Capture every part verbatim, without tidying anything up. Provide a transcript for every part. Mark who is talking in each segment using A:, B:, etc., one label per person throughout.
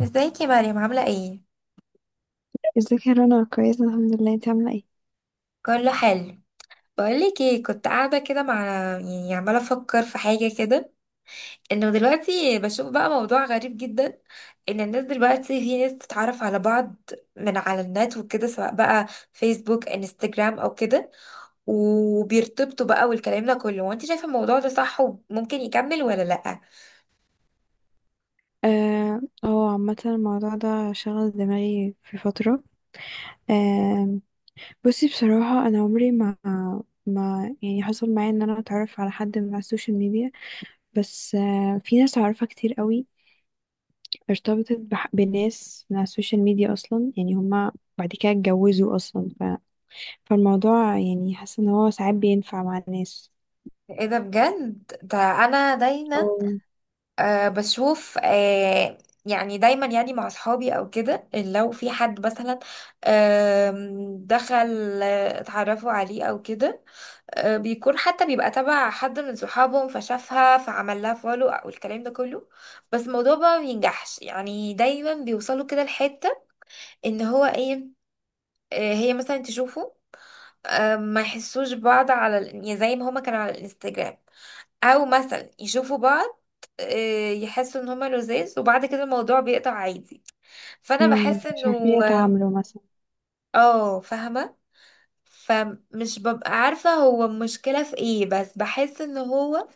A: ازيك يا مريم، عاملة ايه؟
B: ازيك يا رنا، كويسة الحمد لله، انت عاملة ايه؟
A: كله حلو. بقولك ايه، كنت قاعدة كده مع يعني عمالة افكر في حاجة كده، انه دلوقتي بشوف بقى موضوع غريب جدا، ان الناس دلوقتي في ناس تتعرف على بعض من على النت وكده، سواء بقى فيسبوك، انستجرام، او كده، وبيرتبطوا بقى والكلام ده كله. وانت شايفة الموضوع ده صح وممكن يكمل ولا لأ؟
B: اه، هو عامة الموضوع ده شغل دماغي في فترة. آه. بصي بصراحة انا عمري ما ما يعني حصل معايا ان انا اتعرف على حد من على السوشيال ميديا. بس آه في ناس اعرفها كتير قوي ارتبطت بح- بناس من على السوشيال ميديا اصلا، يعني هما بعد كده اتجوزوا اصلا ف... فالموضوع، يعني حاسة ان هو ساعات بينفع مع الناس
A: ايه ده بجد ده؟ انا دايما
B: او
A: أه بشوف أه يعني دايما، يعني مع اصحابي او كده، إن لو في حد مثلا آم، دخل، آه، اتعرفوا عليه او كده. آه، بيكون حتى بيبقى تبع حد من صحابهم، فشافها فعمل لها فولو او الكلام ده كله. بس الموضوع بقى ما بينجحش، يعني دايما بيوصلوا كده لحتة ان هو ايه، آه، هي مثلا تشوفه، آه، ما يحسوش بعض على ال- يعني زي ما هما كانوا على الانستجرام، او مثلا يشوفوا بعض، آه، يحسوا ان هما لذاذ وبعد كده الموضوع بيقطع عادي. فانا
B: مم،
A: بحس
B: مش
A: انه
B: عارفين يتعاملوا مثلا.
A: اه، فاهمه. فمش ببقى عارفه هو المشكله في ايه، بس بحس ان هو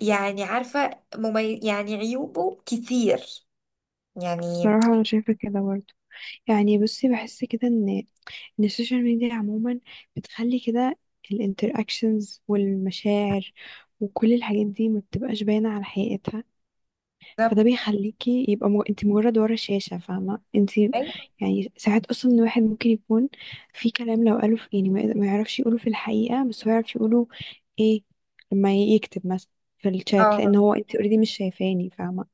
A: يعني عارفه ممي... يعني عيوبه كتير يعني.
B: بصراحة انا شايفة كده برضه. يعني بصي بحس كده ان ان السوشيال ميديا عموما بتخلي كده الانتراكشنز والمشاعر، وكل الحاجات دي ما بتبقاش باينة على حقيقتها. فده
A: بالظبط.
B: بيخليكي يبقى مو... انت مجرد ورا شاشة، فاهمة انت؟
A: أيوة،
B: يعني ساعات اصلا الواحد ممكن يكون في كلام لو قاله في، يعني ما ما يعرفش يقوله في الحقيقة، بس هو يعرف يقوله، ايه، لما يكتب مثلا في الشات، لان
A: اه،
B: هو انت اوريدي مش شايفاني، فاهمة؟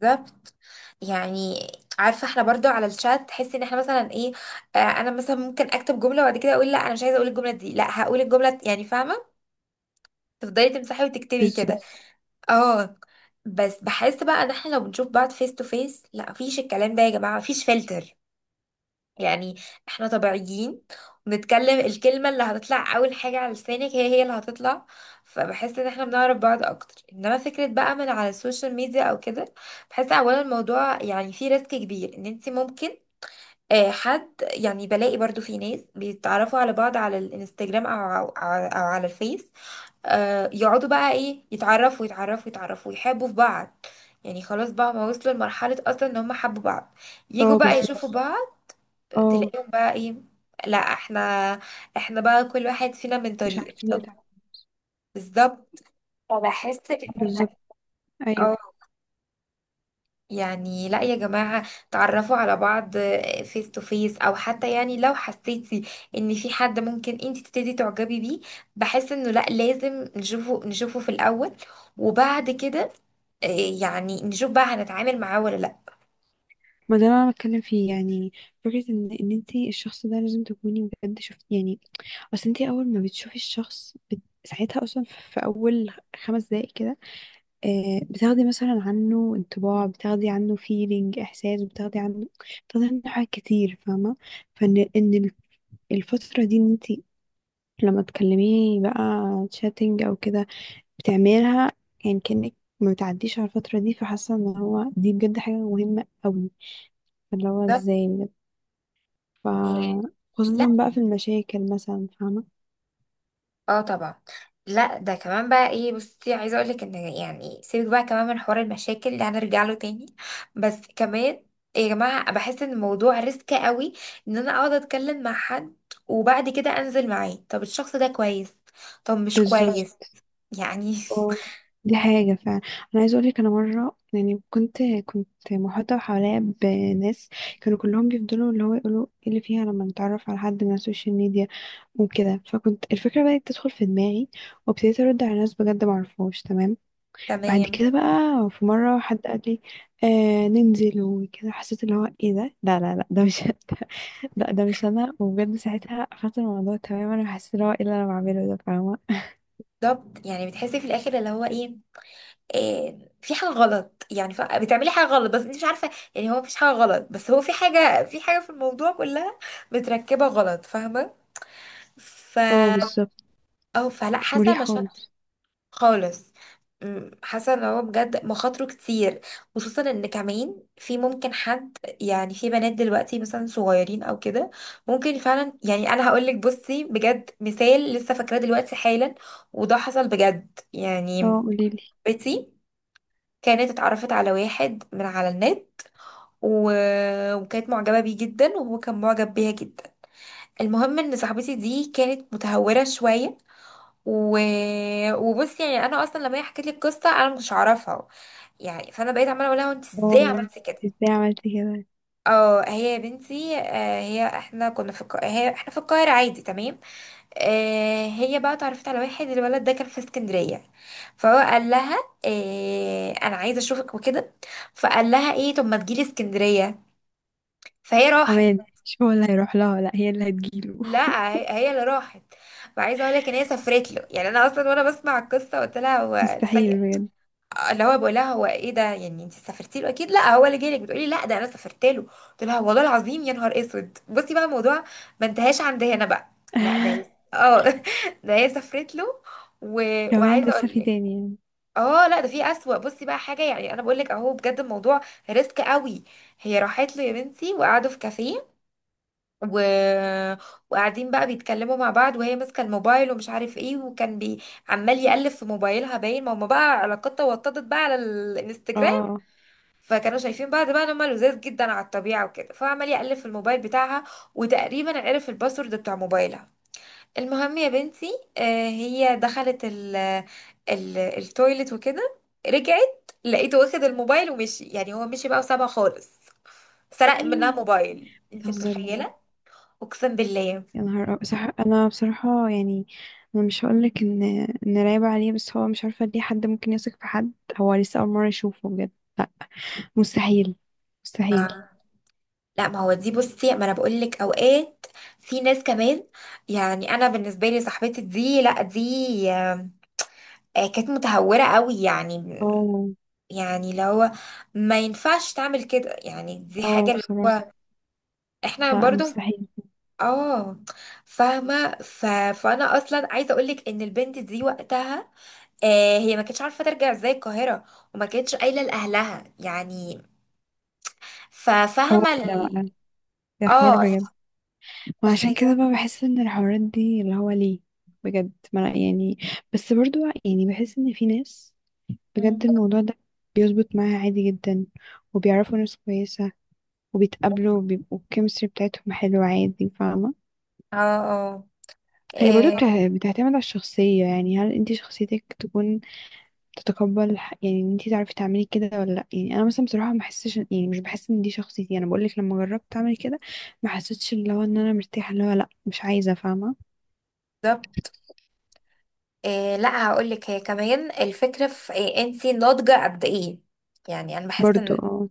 A: بالظبط. يعني عارفه احنا برضو على الشات تحسي ان احنا مثلا ايه، آه، انا مثلا ممكن اكتب جمله وبعد كده اقول لا انا مش عايزه اقول الجمله دي، لا هقول الجمله، يعني فاهمه، تفضلي تمسحي وتكتبي
B: بالظبط.
A: كده. اه. بس بحس بقى ان احنا لو بنشوف بعض فيس تو فيس لا مفيش الكلام ده يا جماعه، مفيش فلتر يعني، احنا طبيعيين، ونتكلم الكلمه اللي هتطلع اول حاجه على لسانك هي هي اللي هتطلع. فبحس ان احنا بنعرف بعض اكتر، انما فكره بقى من على السوشيال ميديا او كده، بحس اولا الموضوع يعني فيه ريسك كبير ان انت ممكن آه، حد، يعني بلاقي برضو في ناس بيتعرفوا على بعض على الانستجرام او او أو على الفيس، آه، يقعدوا بقى ايه يتعرفوا يتعرفوا يتعرفوا يحبوا في بعض، يعني خلاص بقى ما وصلوا لمرحلة اصلا ان هم حبوا بعض، يجوا
B: اه
A: بقى
B: بالظبط.
A: يشوفوا بعض،
B: اه
A: تلاقيهم بقى ايه، لا احنا احنا بقى كل واحد فينا من
B: مش
A: طريق،
B: عارفين
A: طب.
B: يدعموا.
A: بالظبط. فبحس كده
B: بالظبط. ايوه،
A: يعني لا يا جماعة، تعرفوا على بعض فيس تو فيس، او حتى يعني لو حسيتي ان في حد ممكن انت تبتدي تعجبي بيه، بحس انه لا لازم نشوفه نشوفه في الاول، وبعد كده آه، يعني نشوف بقى هنتعامل معاه ولا لا.
B: ما ده اللي انا بتكلم فيه يعني، فكره ان ان انت الشخص ده لازم تكوني بجد شفت، يعني اصل انت اول ما بتشوفي الشخص بت... ساعتها اصلا في اول خمس دقايق كده آه بتاخدي مثلا عنه انطباع، بتاخدي عنه فيلينج، احساس بتاخدي عنه، بتاخدي عنه حاجات كتير، فاهمه؟ فان ان الفتره دي، ان انت لما تكلميه بقى، تشاتنج او كده، بتعملها يعني كأنك ما بتعديش على الفترة دي. فحاسة ان هو دي بجد حاجة مهمة قوي، اللي هو
A: بالظبط.
B: ازاي بجد. ف
A: آه،
B: خصوصا
A: لا،
B: بقى في المشاكل مثلا، فاهمة؟
A: اه، طبعا. لا ده كمان بقى ايه، بصي، عايزه اقول لك ان يعني سيبك بقى كمان من حوار المشاكل اللي هنرجع له تاني، بس كمان يا جماعه بحس ان الموضوع ريسك قوي، ان انا اقعد اتكلم مع حد وبعد كده انزل معاه. طب الشخص ده كويس، طب مش
B: بالظبط.
A: كويس، يعني.
B: اه دي حاجة فعلا. أنا عايزة أقولك، أنا مرة يعني كنت كنت محاطة حواليا بناس كانوا كلهم بيفضلوا اللي هو يقولوا ايه اللي فيها لما نتعرف على حد من على السوشيال ميديا وكده، فكنت الفكرة بدأت تدخل في دماغي، وابتديت أرد على ناس بجد معرفهاش. تمام. بعد
A: تمام.
B: كده بقى في مرة حد قال لي آه ننزل وكده، حسيت اللي هو ايه ده؟ لا لا لا، ده مش لا ده مش انا، وبجد ساعتها قفلت الموضوع تماما وحسيت اللي هو ايه اللي انا بعمله ده، فاهمة؟
A: بالظبط، يعني بتحسي في الاخر اللي هو ايه، إيه، في حاجه غلط، يعني ف- بتعملي حاجه غلط، بس انت مش عارفه، يعني هو مفيش حاجه غلط بس هو في حاجه في حاجه في الموضوع كلها متركبه غلط، فاهمه. ف
B: اه بالظبط.
A: اه، فلا،
B: مش
A: حاسه
B: مريح
A: مشاكل
B: خالص.
A: خالص. أمم، حاسه ان هو بجد مخاطره كتير، خصوصا ان كمان في ممكن حد، يعني في بنات دلوقتي مثلا صغيرين او كده، ممكن فعلا. يعني انا هقول لك بصي، بجد مثال لسه فاكراه دلوقتي حالا، وده حصل بجد يعني.
B: اه قوليلي.
A: بنتي كانت اتعرفت على واحد من على النت، و... وكانت معجبه بيه جدا وهو كان معجب بيها جدا. المهم ان صاحبتي دي كانت متهوره شويه، و... وبصي يعني انا اصلا لما هي حكت لي القصه انا ما كنتش اعرفها، يعني فانا بقيت عماله اقول لها انت
B: اه،
A: ازاي عملتي كده.
B: انت ازاي عملتي كده؟
A: اه، هي يا بنتي، آه هي احنا كنا في الق... هي احنا في القاهره عادي، تمام. آه هي بقى اتعرفت على واحد، الولد ده كان في اسكندريه، فهو قال لها آه انا عايزه اشوفك وكده، فقال لها ايه، طب ما تجيلي اسكندريه، فهي راحت.
B: كمان مش هو اللي هيروح لها، لا هي اللي هتجيله؟
A: لا، هي هي اللي راحت. فعايزه اقول لك ان هي سافرت له، يعني انا اصلا وانا بسمع القصه قلت لها هو
B: مستحيل
A: ثانيه،
B: بجد.
A: اللي هو بقول لها هو ايه ده، يعني انت سافرتي له؟ اكيد لا، هو اللي جالك، بتقولي لا، ده انا سافرت له. قلت لها والله العظيم يا نهار اسود. بصي بقى، الموضوع ما انتهاش عند هنا بقى. لا ده هي، اه، ده هي سافرت له، و...
B: كمان
A: وعايزه
B: لسه
A: اقول
B: في
A: لك،
B: تاني يعني؟
A: اه، لا ده في اسوأ. بصي بقى حاجه، يعني انا بقول لك اهو بجد الموضوع ريسك قوي. هي راحت له يا بنتي وقعدوا في كافيه، و... وقاعدين بقى بيتكلموا مع بعض، وهي ماسكه الموبايل، ومش عارف ايه، وكان بي... عمال يقلب في موبايلها، باين ما هم بقى علاقتها وطدت بقى على الانستجرام،
B: اه.
A: فكانوا شايفين بعض بقى ان هما لذاذ جدا على الطبيعه وكده، فعمال يقلب في الموبايل بتاعها، وتقريبا عرف الباسورد بتاع موبايلها. المهم يا بنتي، آه، هي دخلت ال ال التويلت وكده، رجعت لقيته واخد الموبايل ومشي، يعني هو مشي بقى وسابها خالص، سرق منها
B: ايه؟
A: موبايل، انت
B: بتهزري؟
A: متخيله؟ اقسم بالله.
B: يا نهار أب- صح. انا بصراحة يعني انا مش هقولك ان ان رايبة عليه، بس هو مش عارفة ليه حد ممكن يثق في حد، هو لسه اول مرة يشوفه بجد. لا. مستحيل. مستحيل.
A: آه. لا، ما هو دي بصي، ما انا بقول لك اوقات في ناس كمان، يعني انا بالنسبه لي صاحبتي دي، لا، دي آه، آه، كانت متهورة قوي يعني،
B: اه.
A: يعني اللي هو ما ينفعش تعمل كده، يعني دي حاجة
B: اه
A: اللي
B: بصراحة
A: هو احنا
B: لا
A: برضو،
B: مستحيل.
A: اه، فاهمة ف... فانا اصلا عايزة اقولك ان البنت دي وقتها آه هي ما كانتش عارفة ترجع ازاي القاهرة، وما كانتش قايلة لأهلها يعني.
B: حوار
A: ففاهمة
B: ده
A: ال...
B: بقى، ده حوار
A: اه،
B: بجد. وعشان كده
A: تخيل.
B: بقى بحس ان الحوارات دي اللي هو ليه بجد ما لا يعني. بس برضو يعني بحس ان في ناس بجد
A: مم.
B: الموضوع ده بيظبط معاها عادي جدا، وبيعرفوا ناس كويسة وبيتقابلوا وبيبقوا الكيمستري بتاعتهم حلوة عادي، فاهمة؟
A: اه، اه،
B: هي برضو
A: إيه،
B: بتع- بتعتمد على الشخصية، يعني هل انتي شخصيتك تكون تتقبل الح- يعني ان انتي تعرفي تعملي كده ولا لا؟ يعني انا مثلا بصراحة ما بحسش، يعني مش بحس ان دي شخصيتي. انا بقولك لما جربت اعمل كده ما حسيتش اللي هو ان انا مرتاحة، اللي هو لا مش عايزة، فاهمة؟
A: بالظبط. إيه، لا هقول لك، هي كمان الفكره في إيه انت ناضجه قد ايه، يعني انا بحس
B: برضو
A: ان
B: اه.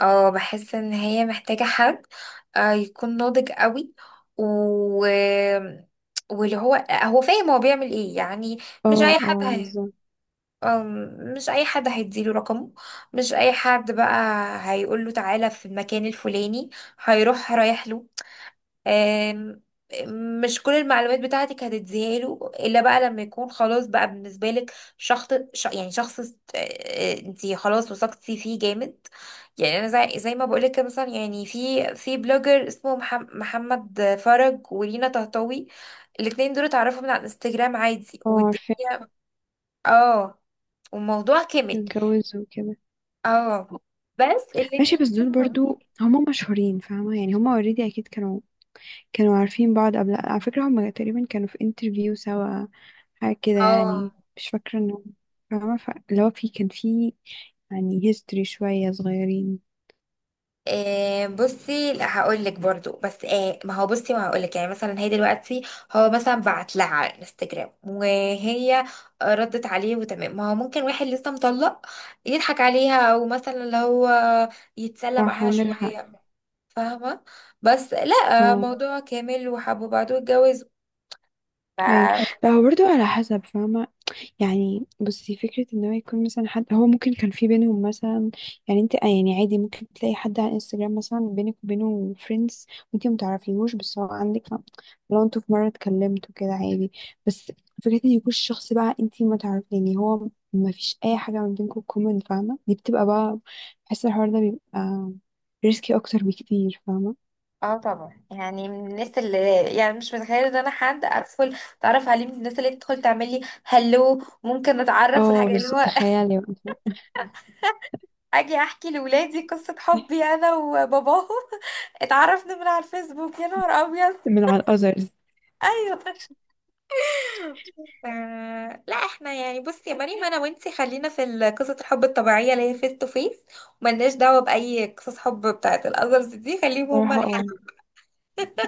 A: اه، بحس ان هي محتاجة حد آه، يكون ناضج قوي و واللي هو هو فاهم هو بيعمل ايه يعني، مش
B: اه.
A: اي حد
B: اه
A: هي...
B: بالظبط.
A: أم، مش اي حد هيديله رقمه، مش اي حد بقى هيقول له تعالى في المكان الفلاني هيروح رايح له، آم، مش كل المعلومات بتاعتك هتديها له الا بقى لما يكون خلاص بقى بالنسبه لك شخص، ش- يعني شخص انت خلاص وثقتي فيه جامد. يعني انا زي, زي ما بقولك كده، مثلا يعني في في بلوجر اسمه محم- محمد فرج، ولينا طهطاوي، الاتنين دول اتعرفوا من على الانستجرام عادي،
B: اه عارفة.
A: والدنيا. اه. والموضوع كمل.
B: اتجوز وكده.
A: اه. بس
B: ماشي،
A: الاتنين
B: بس دول
A: كانوا.
B: برضو هما مشهورين، فاهمة؟ يعني هما اوريدي اكيد كانوا كانوا عارفين بعض قبل، على فكرة هما تقريبا كانوا في انترفيو سوا، حاجة كده يعني،
A: اه.
B: مش فاكرة انه، فاهمة ف... اللي هو في كان في يعني هيستوري شوية صغيرين.
A: آه بصي، لا هقول لك برضو، بس آه ما هو بصي، ما هقول لك يعني مثلا، هي دلوقتي هو مثلا بعت لها على الانستجرام وهي ردت عليه وتمام، ما هو ممكن واحد لسه مطلق يضحك عليها، او مثلا اللي هو يتسلى
B: صح
A: معاها
B: عندك حق.
A: شوية، فاهمة؟ بس لا،
B: اه
A: موضوع كامل وحبوا بعض واتجوزوا
B: ايوه.
A: ف-
B: لا هو برضه على حسب فاهمة. يعني بصي فكرة ان هو يكون مثلا حد هو ممكن كان في بينهم مثلا، يعني انت آه يعني عادي ممكن تلاقي حد على انستجرام مثلا بينك وبينه فريندز وانت متعرفيهوش، بس هو عندك ف- لو انتوا في مرة اتكلمتوا كده عادي، بس فكرة ان يكون الشخص بقى انت ما تعرف، يعني هو ما فيش اي حاجة ما بينكم كومن، فاهمة؟ دي بتبقى بقى، بحس الحوار ده بيبقى ريسكي اكتر بكتير، فاهمة؟
A: اه طبعا، يعني من الناس اللي، يعني مش متخيله ان انا حد ادخل اتعرف عليه، من الناس اللي تدخل تعمل لي هلو، ممكن نتعرف،
B: اه
A: والحاجه اللي
B: بالظبط،
A: هو
B: تخيلي بقى،
A: اجي احكي لولادي قصة حبي انا وباباهم، اتعرفنا من على الفيسبوك، يا نهار ابيض.
B: من على الاذرز.
A: ايوه. آه، لا، احنا يعني بصي يا مريم، انا وانتي خلينا في ال- قصة الحب الطبيعية اللي هي فيس تو فيس، وملناش دعوة بأي قصص حب بتاعت الأذرز دي، خليهم هما
B: صراحة
A: الحل.
B: اه،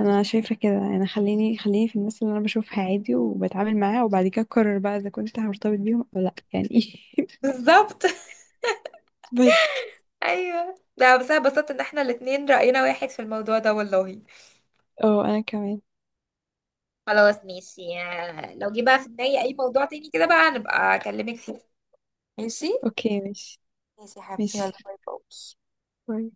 B: انا شايفه كده، يعني خليني خليني في الناس اللي انا بشوفها عادي وبتعامل معاها، وبعد كده اقرر بقى اذا كنت هرتبط بيهم او لا يعني.
A: بالظبط.
B: بس
A: ايوه. ده بس انا اتبسطت ان احنا الاتنين رأينا واحد في الموضوع ده والله.
B: اه انا كمان.
A: خلاص، ماشي، آه، لو جه بقى في دماغي اي موضوع تاني كده بقى هنبقى اكلمك فيه. ماشي.
B: اوكي ماشي.
A: ماشي يا حبيبتي، يلا،
B: ماشي،
A: باي باي.
B: باي.